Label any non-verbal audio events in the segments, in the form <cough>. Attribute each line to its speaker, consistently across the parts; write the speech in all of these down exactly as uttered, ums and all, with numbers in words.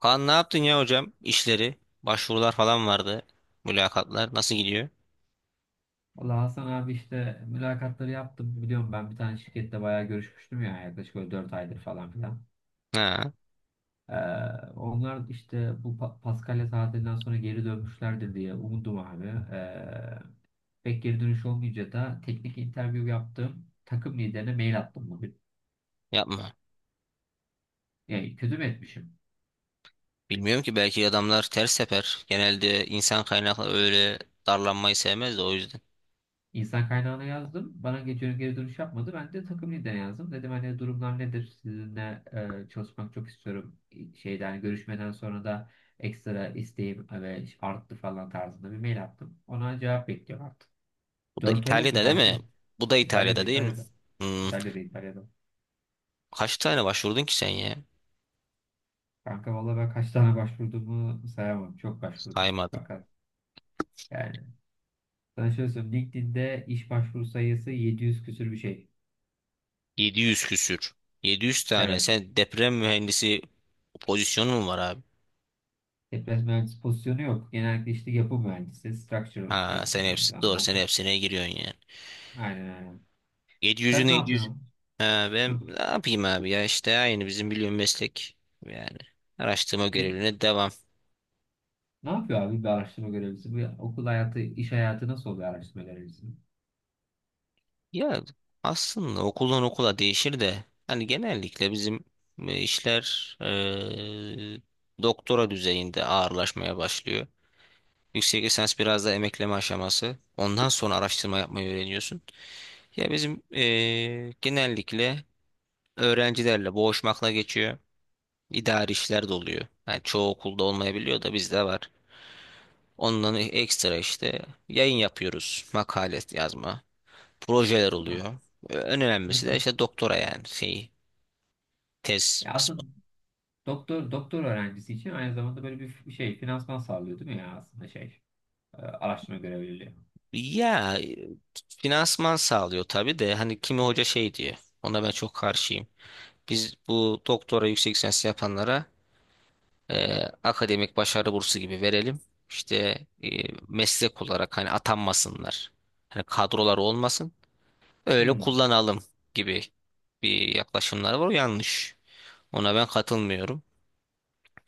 Speaker 1: Kaan ne yaptın ya hocam? İşleri, başvurular falan vardı. Mülakatlar nasıl gidiyor?
Speaker 2: Valla Hasan abi işte mülakatları yaptım. Biliyorum ben bir tane şirkette bayağı görüşmüştüm ya yaklaşık böyle dört aydır falan filan.
Speaker 1: Ha,
Speaker 2: Ee, Onlar işte bu Pa- Paskalya tatilinden sonra geri dönmüşlerdir diye umudum abi. Ee, Pek geri dönüş olmayınca da teknik interview yaptım. Takım liderine mail attım bugün.
Speaker 1: yapma.
Speaker 2: Yani kötü mü etmişim?
Speaker 1: Bilmiyorum ki belki adamlar ters sefer. Genelde insan kaynakları öyle darlanmayı sevmez de o yüzden.
Speaker 2: İnsan kaynağına yazdım. Bana geçiyorum geri dönüş yapmadı. Ben de takım liderine yazdım. Dedim hani durumlar nedir? Sizinle e, çalışmak çok istiyorum. Şeyden görüşmeden sonra da ekstra isteğim e, ve arttı falan tarzında bir mail attım. Ona cevap bekliyorum artık.
Speaker 1: Bu da
Speaker 2: dört ay oldu
Speaker 1: İtalya'da değil mi?
Speaker 2: kanki.
Speaker 1: Bu da
Speaker 2: İtalya'da,
Speaker 1: İtalya'da değil mi?
Speaker 2: İtalya'da.
Speaker 1: Hmm,
Speaker 2: İtalya'da, İtalya'da.
Speaker 1: Kaç tane başvurdun ki sen ya?
Speaker 2: Kanka valla ben kaç tane başvurduğumu sayamam. Çok başvurdum.
Speaker 1: Saymadın.
Speaker 2: Fakat yani sana şöyle söyleyeyim. LinkedIn'de iş başvuru sayısı yedi yüz küsür bir şey.
Speaker 1: yedi yüz küsür. yedi yüz tane.
Speaker 2: Evet.
Speaker 1: Sen deprem mühendisi pozisyonu mu var abi?
Speaker 2: Deprem mühendisi pozisyonu yok. Genellikle işte yapı mühendisi, structural
Speaker 1: Ha, sen
Speaker 2: engineer.
Speaker 1: hepsi
Speaker 2: Ha,
Speaker 1: doğru.
Speaker 2: o,
Speaker 1: Sen hepsine giriyorsun yani.
Speaker 2: aynen aynen. Sen
Speaker 1: yedi yüzün
Speaker 2: ne
Speaker 1: yedi yüz.
Speaker 2: yapıyorsun?
Speaker 1: Ha, ben
Speaker 2: Hı.
Speaker 1: ne yapayım abi ya işte aynı bizim biliyorum meslek yani araştırma
Speaker 2: Bir-
Speaker 1: görevine devam.
Speaker 2: Ne yapıyor abi bir araştırma görevlisi? Bu okul hayatı, iş hayatı nasıl oluyor araştırma görevlisi?
Speaker 1: Ya aslında okuldan okula değişir de hani genellikle bizim e, işler e, doktora düzeyinde ağırlaşmaya başlıyor. Yüksek lisans biraz da emekleme aşaması. Ondan sonra araştırma yapmayı öğreniyorsun. Ya bizim e, genellikle öğrencilerle boğuşmakla geçiyor. İdari işler de oluyor. Yani çoğu okulda olmayabiliyor da bizde var. Ondan ekstra işte yayın yapıyoruz. Makale yazma. Projeler
Speaker 2: Ha.
Speaker 1: oluyor. Ee, En önemlisi
Speaker 2: Mesela
Speaker 1: de işte doktora yani şey tez
Speaker 2: ya
Speaker 1: kısmı.
Speaker 2: aslında doktor doktor öğrencisi için aynı zamanda böyle bir şey finansman sağlıyor değil mi ya aslında şey e, araştırma görevliliği.
Speaker 1: Ya e, finansman sağlıyor tabii de hani kimi hoca şey diyor. Ona ben çok karşıyım. Biz bu doktora yüksek lisans yapanlara e, akademik başarı bursu gibi verelim. İşte e, meslek olarak hani atanmasınlar. Hani kadrolar olmasın. Öyle
Speaker 2: Hmm.
Speaker 1: kullanalım gibi bir yaklaşımlar var. O yanlış. Ona ben katılmıyorum.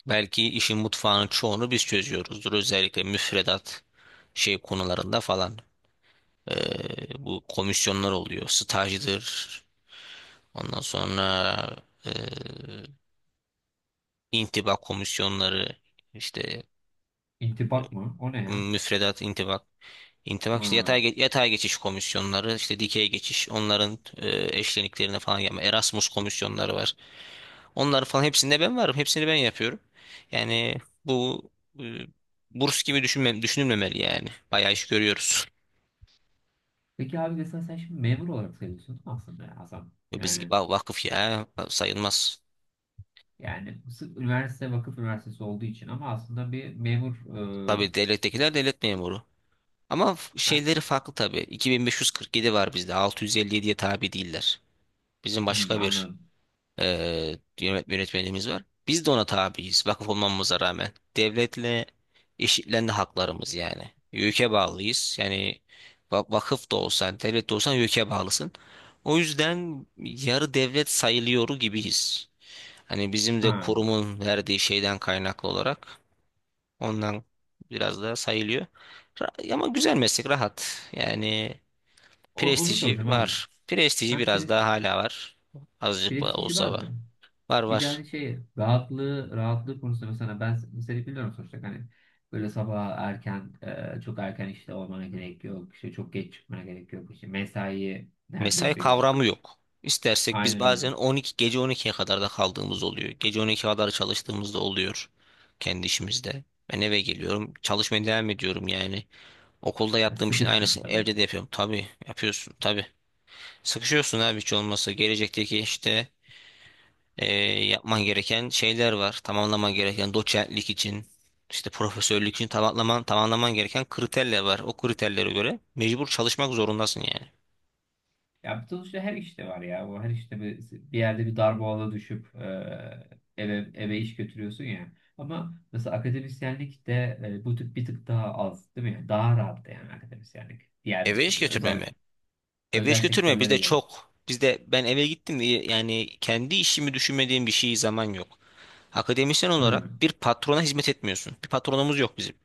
Speaker 1: Belki işin mutfağının çoğunu biz çözüyoruzdur. Özellikle müfredat şey konularında falan. Ee, bu komisyonlar oluyor. Stajdır. Ondan sonra ee, intibak komisyonları işte
Speaker 2: İntibak mı? O ne ya?
Speaker 1: müfredat intibak İntibak işte
Speaker 2: Ha.
Speaker 1: yatay, ge- yatay geçiş komisyonları, işte dikey geçiş onların e, eşleniklerine falan yapma, Erasmus komisyonları var. Onları falan hepsinde ben varım. Hepsini ben yapıyorum. Yani bu e, burs gibi düşünme, düşünülmemeli yani. Bayağı iş görüyoruz.
Speaker 2: Peki abi mesela sen şimdi memur olarak sayılıyorsun değil mi aslında ya Hasan.
Speaker 1: E, Biz gibi
Speaker 2: Yani
Speaker 1: "Aa, vakıf ya sayılmaz."
Speaker 2: yani sırf üniversite vakıf üniversitesi olduğu için ama aslında bir memur e,
Speaker 1: Tabii devlettekiler devlet memuru. Ama f-
Speaker 2: ha,
Speaker 1: şeyleri farklı tabii. iki bin beş yüz kırk yedi var bizde. altı yüz elli yediye tabi değiller. Bizim
Speaker 2: hmm,
Speaker 1: başka bir
Speaker 2: anladım.
Speaker 1: e, yönet- yönetmeliğimiz var. Biz de ona tabiiz vakıf <laughs> olmamıza rağmen. Devletle eşitlendi haklarımız yani. YÖK'e bağlıyız. Yani va- vakıf da olsan, devlet de olsan YÖK'e bağlısın. O yüzden yarı devlet sayılıyor gibiyiz. Hani bizim de
Speaker 2: Ha.
Speaker 1: kurumun verdiği şeyden kaynaklı olarak ondan biraz daha sayılıyor. Ra- Ama güzel meslek, rahat. Yani
Speaker 2: O- onu
Speaker 1: prestiji
Speaker 2: soracağım abi.
Speaker 1: var. Prestiji
Speaker 2: Hem
Speaker 1: biraz daha
Speaker 2: pres,
Speaker 1: hala var. Azıcık da
Speaker 2: Prestiji
Speaker 1: olsa
Speaker 2: vardı.
Speaker 1: var. Var
Speaker 2: Bir de
Speaker 1: var.
Speaker 2: hani şey rahatlığı rahatlığı konusunda mesela ben seni biliyorum sonuçta hani böyle sabah erken e, çok erken işte olmana gerek yok. İşte çok geç çıkmana gerek yok. İşte mesai
Speaker 1: Mesai
Speaker 2: neredeyse yok.
Speaker 1: kavramı yok. İstersek biz
Speaker 2: Aynen öyle.
Speaker 1: bazen on iki, gece on ikiye kadar da kaldığımız oluyor. Gece on ikiye kadar çalıştığımız da oluyor kendi işimizde. Ben eve geliyorum, çalışmaya devam ediyorum yani. Okulda
Speaker 2: Yani
Speaker 1: yaptığım işin
Speaker 2: sıkıştın
Speaker 1: aynısını
Speaker 2: tabii.
Speaker 1: evde de yapıyorum. Tabii yapıyorsun tabii. Sıkışıyorsun abi hiç olmazsa. Gelecekteki işte eee, yapman gereken şeyler var. Tamamlaman gereken doçentlik için, işte profesörlük için tamamlaman, tamamlaman gereken kriterler var. O kriterlere göre mecbur çalışmak zorundasın yani.
Speaker 2: Ya bu sonuçta her işte var ya. Bu her işte bir, bir yerde bir darboğaza düşüp e, eve eve iş götürüyorsun ya. Ama mesela akademisyenlik de e, bu tip bir tık daha az değil mi? Yani daha rahat da yani akademisyenlik. Diğer
Speaker 1: Eve iş
Speaker 2: so-
Speaker 1: götürmem
Speaker 2: özel
Speaker 1: Eve hiç
Speaker 2: özel
Speaker 1: götürme
Speaker 2: sektörlere
Speaker 1: bizde
Speaker 2: göre.
Speaker 1: çok. Bizde ben eve gittim, y- yani kendi işimi düşünmediğim bir şey zaman yok. Akademisyen
Speaker 2: Hı.
Speaker 1: olarak bir patrona hizmet etmiyorsun. Bir patronumuz yok bizim.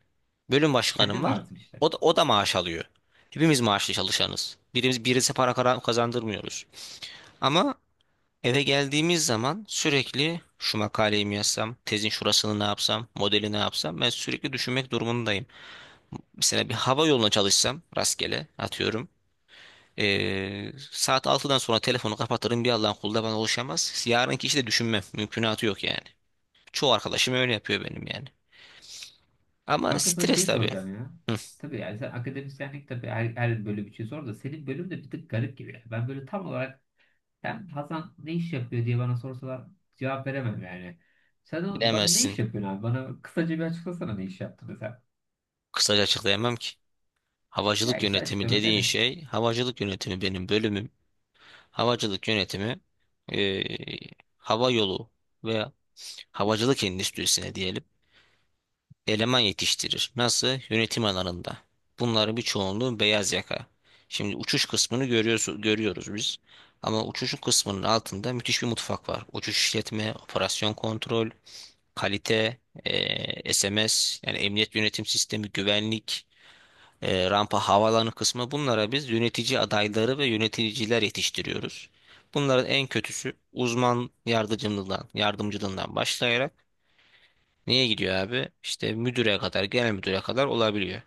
Speaker 1: Bölüm başkanım
Speaker 2: Kendin
Speaker 1: var.
Speaker 2: varsın işte.
Speaker 1: O da, o da maaş alıyor. Hepimiz maaşlı çalışanız. Birimiz birisi para kara- kazandırmıyoruz. Ama eve geldiğimiz zaman sürekli şu makaleyi mi yazsam, tezin şurasını ne yapsam, modeli ne yapsam, ben sürekli düşünmek durumundayım. Mesela bir hava yoluna çalışsam, rastgele atıyorum. Ee, saat altıdan sonra telefonu kapatırım, bir Allah'ın kulu da bana ulaşamaz. Yarınki işi de düşünmem. Mümkünatı yok yani. Çoğu arkadaşım öyle yapıyor benim yani. Ama
Speaker 2: Kanka sana
Speaker 1: stres
Speaker 2: şey
Speaker 1: tabii.
Speaker 2: soracağım ya.
Speaker 1: Hı,
Speaker 2: Tabii yani sen akademisyenlik tabii her, her bölüm için sor da senin bölüm de bir tık garip gibi. Yani ben böyle tam olarak ben Hasan ne iş yapıyor diye bana sorsalar cevap veremem yani. Sen o- bana ne iş
Speaker 1: bilemezsin.
Speaker 2: yapıyorsun abi? Bana kısaca bir açıklasana ne iş yaptığını sen.
Speaker 1: Kısaca açıklayamam ki.
Speaker 2: Ya
Speaker 1: Havacılık
Speaker 2: işte
Speaker 1: yönetimi
Speaker 2: açıklama
Speaker 1: dediğin
Speaker 2: dene.
Speaker 1: şey, havacılık yönetimi benim bölümüm. Havacılık yönetimi ee, hava yolu veya havacılık endüstrisine diyelim. Eleman yetiştirir. Nasıl? Yönetim alanında. Bunların bir çoğunluğu beyaz yaka. Şimdi uçuş kısmını görüyoruz, görüyoruz biz. Ama uçuşun kısmının altında müthiş bir mutfak var. Uçuş işletme, operasyon kontrol, kalite, eee, S M S, yani emniyet yönetim sistemi, güvenlik, eee, rampa, havaalanı kısmı, bunlara biz yönetici adayları ve yöneticiler yetiştiriyoruz. Bunların en kötüsü uzman yardımcılığından, yardımcılığından başlayarak, niye gidiyor abi, İşte müdüre kadar, genel müdüre kadar olabiliyor.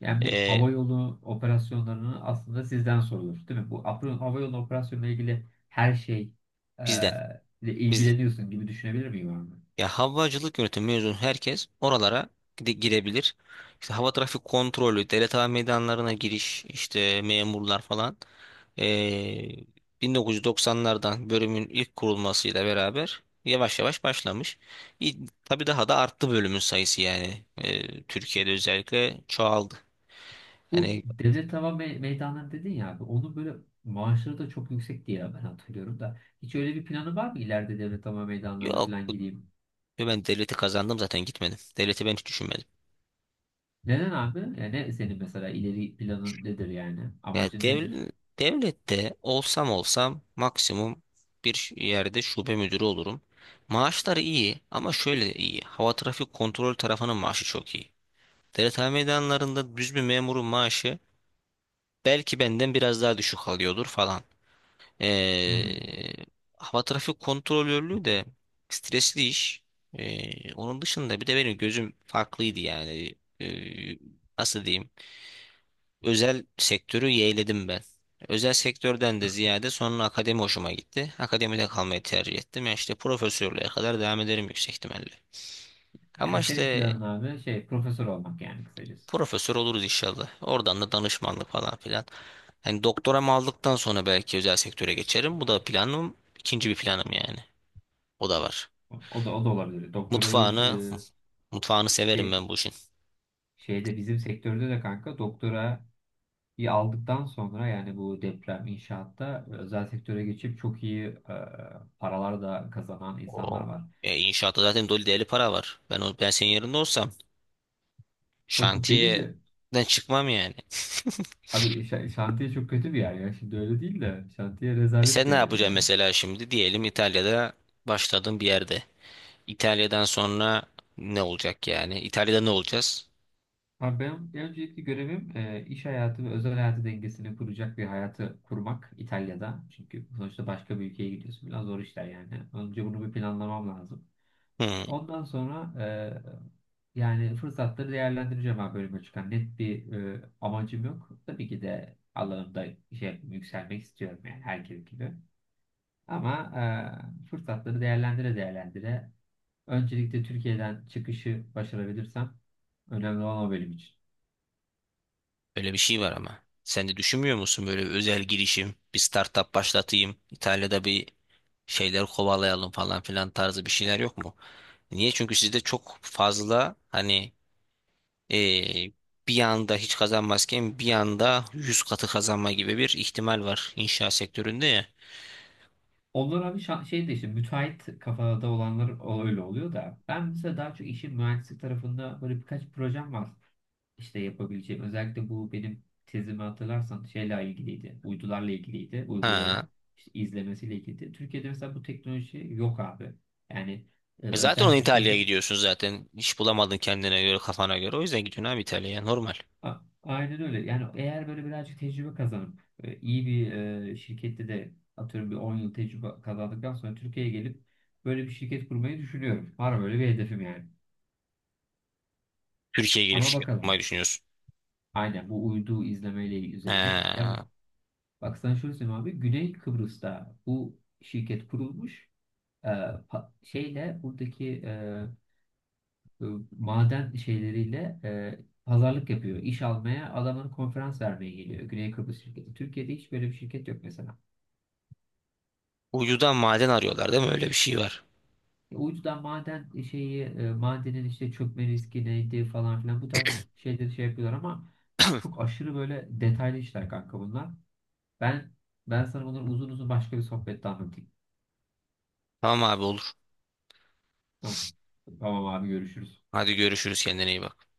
Speaker 2: Yani bu
Speaker 1: Ee,
Speaker 2: hava yolu operasyonlarını aslında sizden sorulur, değil mi? Bu apro- hava yolu operasyonuyla ilgili her şey e,
Speaker 1: Bizden.
Speaker 2: ile
Speaker 1: Biz.
Speaker 2: ilgileniyorsun gibi düşünebilir miyim abi?
Speaker 1: Ya havacılık yönetimi mezun herkes oralara gide- girebilir. İşte hava trafik kontrolü, devlet hava meydanlarına giriş, işte memurlar falan. Ee, bin dokuz yüz doksanlardan, bölümün ilk kurulmasıyla beraber yavaş yavaş başlamış. İ- Tabii daha da arttı bölümün sayısı yani. Ee, Türkiye'de özellikle çoğaldı.
Speaker 2: Bu
Speaker 1: Yani
Speaker 2: devlet hava me- meydanları dedin ya abi, onun böyle maaşları da çok yüksek diye ben hatırlıyorum da. Hiç öyle bir planı var mı ileride devlet hava meydanlarına
Speaker 1: yok,
Speaker 2: falan gideyim?
Speaker 1: ben devleti kazandım zaten, gitmedim. Devleti ben hiç düşünmedim.
Speaker 2: Neden abi? Yani ne senin mesela ileri planın nedir yani?
Speaker 1: Ya
Speaker 2: Amacın nedir?
Speaker 1: dev- devlette olsam olsam maksimum bir ş- yerde şube müdürü olurum. Maaşları iyi ama şöyle iyi. Hava trafik kontrol tarafının maaşı çok iyi. Devlet meydanlarında düz bir memurun maaşı belki benden biraz daha düşük alıyordur falan.
Speaker 2: Hmm.
Speaker 1: Ee, Hava trafik kontrolörlüğü de stresli iş. Ee, onun dışında bir de benim gözüm farklıydı yani. Ee, Nasıl diyeyim? Özel sektörü yeğledim ben. Özel sektörden de
Speaker 2: Ha.
Speaker 1: ziyade sonra akademi hoşuma gitti. Akademide kalmayı tercih ettim. Yani işte profesörlüğe kadar devam ederim yüksek ihtimalle. Ama
Speaker 2: Yani senin
Speaker 1: işte
Speaker 2: planın abi şey profesör olmak yani kısacası.
Speaker 1: profesör oluruz inşallah. Oradan da danışmanlık falan filan. Hani doktoramı aldıktan sonra belki özel sektöre geçerim. Bu da planım. İkinci bir planım yani. O da var.
Speaker 2: O da o da olabilir. Doktoralı
Speaker 1: Mutfağını,
Speaker 2: e,
Speaker 1: mutfağını severim
Speaker 2: şey
Speaker 1: ben bu işin.
Speaker 2: şeyde bizim sektörde de kanka doktorayı aldıktan sonra yani bu deprem inşaatta özel sektöre geçip çok iyi e, paralar da kazanan insanlar
Speaker 1: O,
Speaker 2: var.
Speaker 1: e, inşaatta zaten dolu deli para var. Ben o, ben senin yerinde olsam
Speaker 2: Bakın benim de
Speaker 1: şantiyeden çıkmam yani. <laughs>
Speaker 2: abi şa- şantiye çok kötü bir yer ya. Şimdi öyle değil de şantiye
Speaker 1: E
Speaker 2: rezalet
Speaker 1: sen
Speaker 2: bir
Speaker 1: ne
Speaker 2: yer
Speaker 1: yapacaksın
Speaker 2: yani.
Speaker 1: mesela şimdi? Diyelim İtalya'da başladığın bir yerde. İtalya'dan sonra ne olacak yani? İtalya'da ne olacağız?
Speaker 2: Abi benim en öncelikli görevim e, iş hayatı ve özel hayatı dengesini kuracak bir hayatı kurmak İtalya'da. Çünkü sonuçta başka bir ülkeye gidiyorsun. Biraz zor işler yani. Önce bunu bir planlamam lazım.
Speaker 1: Hmm,
Speaker 2: Ondan sonra e, yani fırsatları değerlendireceğim abi bölüme çıkan. Net bir e, amacım yok. Tabii ki de alanımda şey, yükselmek istiyorum yani herkes gibi. Ama e, fırsatları değerlendire değerlendire öncelikle Türkiye'den çıkışı başarabilirsem önemli olan o bölüm için.
Speaker 1: Öyle bir şey var ama. Sen de düşünmüyor musun, böyle bir özel girişim, bir startup başlatayım, İtalya'da bir şeyler kovalayalım falan filan tarzı bir şeyler yok mu? Niye? Çünkü sizde çok fazla hani, Ee, bir anda hiç kazanmazken bir anda yüz katı kazanma gibi bir ihtimal var inşaat sektöründe ya.
Speaker 2: Onlar abi şa- şey de işte müteahhit kafada olanlar o- öyle oluyor da ben mesela daha çok işin mühendislik tarafında böyle birkaç projem var işte yapabileceğim. Özellikle bu benim tezimi hatırlarsan şeyle ilgiliydi. Uydularla ilgiliydi. Uyguların
Speaker 1: Ha.
Speaker 2: işte izlemesiyle ilgiliydi. Türkiye'de mesela bu teknoloji yok abi. Yani e,
Speaker 1: E zaten
Speaker 2: özel
Speaker 1: onu İtalya'ya
Speaker 2: sektörde
Speaker 1: gidiyorsun zaten. İş bulamadın kendine göre, kafana göre. O yüzden gidiyorsun abi İtalya'ya, normal.
Speaker 2: A- aynen öyle. Yani eğer böyle birazcık tecrübe kazanıp e, iyi bir e, şirkette de atıyorum bir on yıl tecrübe kazandıktan sonra Türkiye'ye gelip böyle bir şirket kurmayı düşünüyorum. Var böyle bir hedefim yani.
Speaker 1: Türkiye'ye gelip
Speaker 2: Ama
Speaker 1: şirket kurmayı
Speaker 2: bakalım.
Speaker 1: düşünüyorsun.
Speaker 2: Aynen bu uydu izlemeyle üzerine. Ya ben-
Speaker 1: Ha.
Speaker 2: Bak sana şöyle söyleyeyim abi. Güney Kıbrıs'ta bu şirket kurulmuş. E, pa- şeyle buradaki e, e, maden şeyleriyle e, pazarlık yapıyor. İş almaya adamın konferans vermeye geliyor. Güney Kıbrıs şirketi. Türkiye'de hiç böyle bir şirket yok mesela.
Speaker 1: Uyudan maden arıyorlar değil mi? Öyle bir şey var.
Speaker 2: Uydudan maden e, şeyi e, madenin işte çökme riski neydi falan filan bu tarz şeyleri şey yapıyorlar ama çok aşırı böyle detaylı işler kanka bunlar. Ben Ben sana bunları uzun uzun başka bir sohbette anlatayım.
Speaker 1: Tamam abi, olur.
Speaker 2: Tamam. Tamam abi görüşürüz.
Speaker 1: Hadi görüşürüz, kendine iyi bak.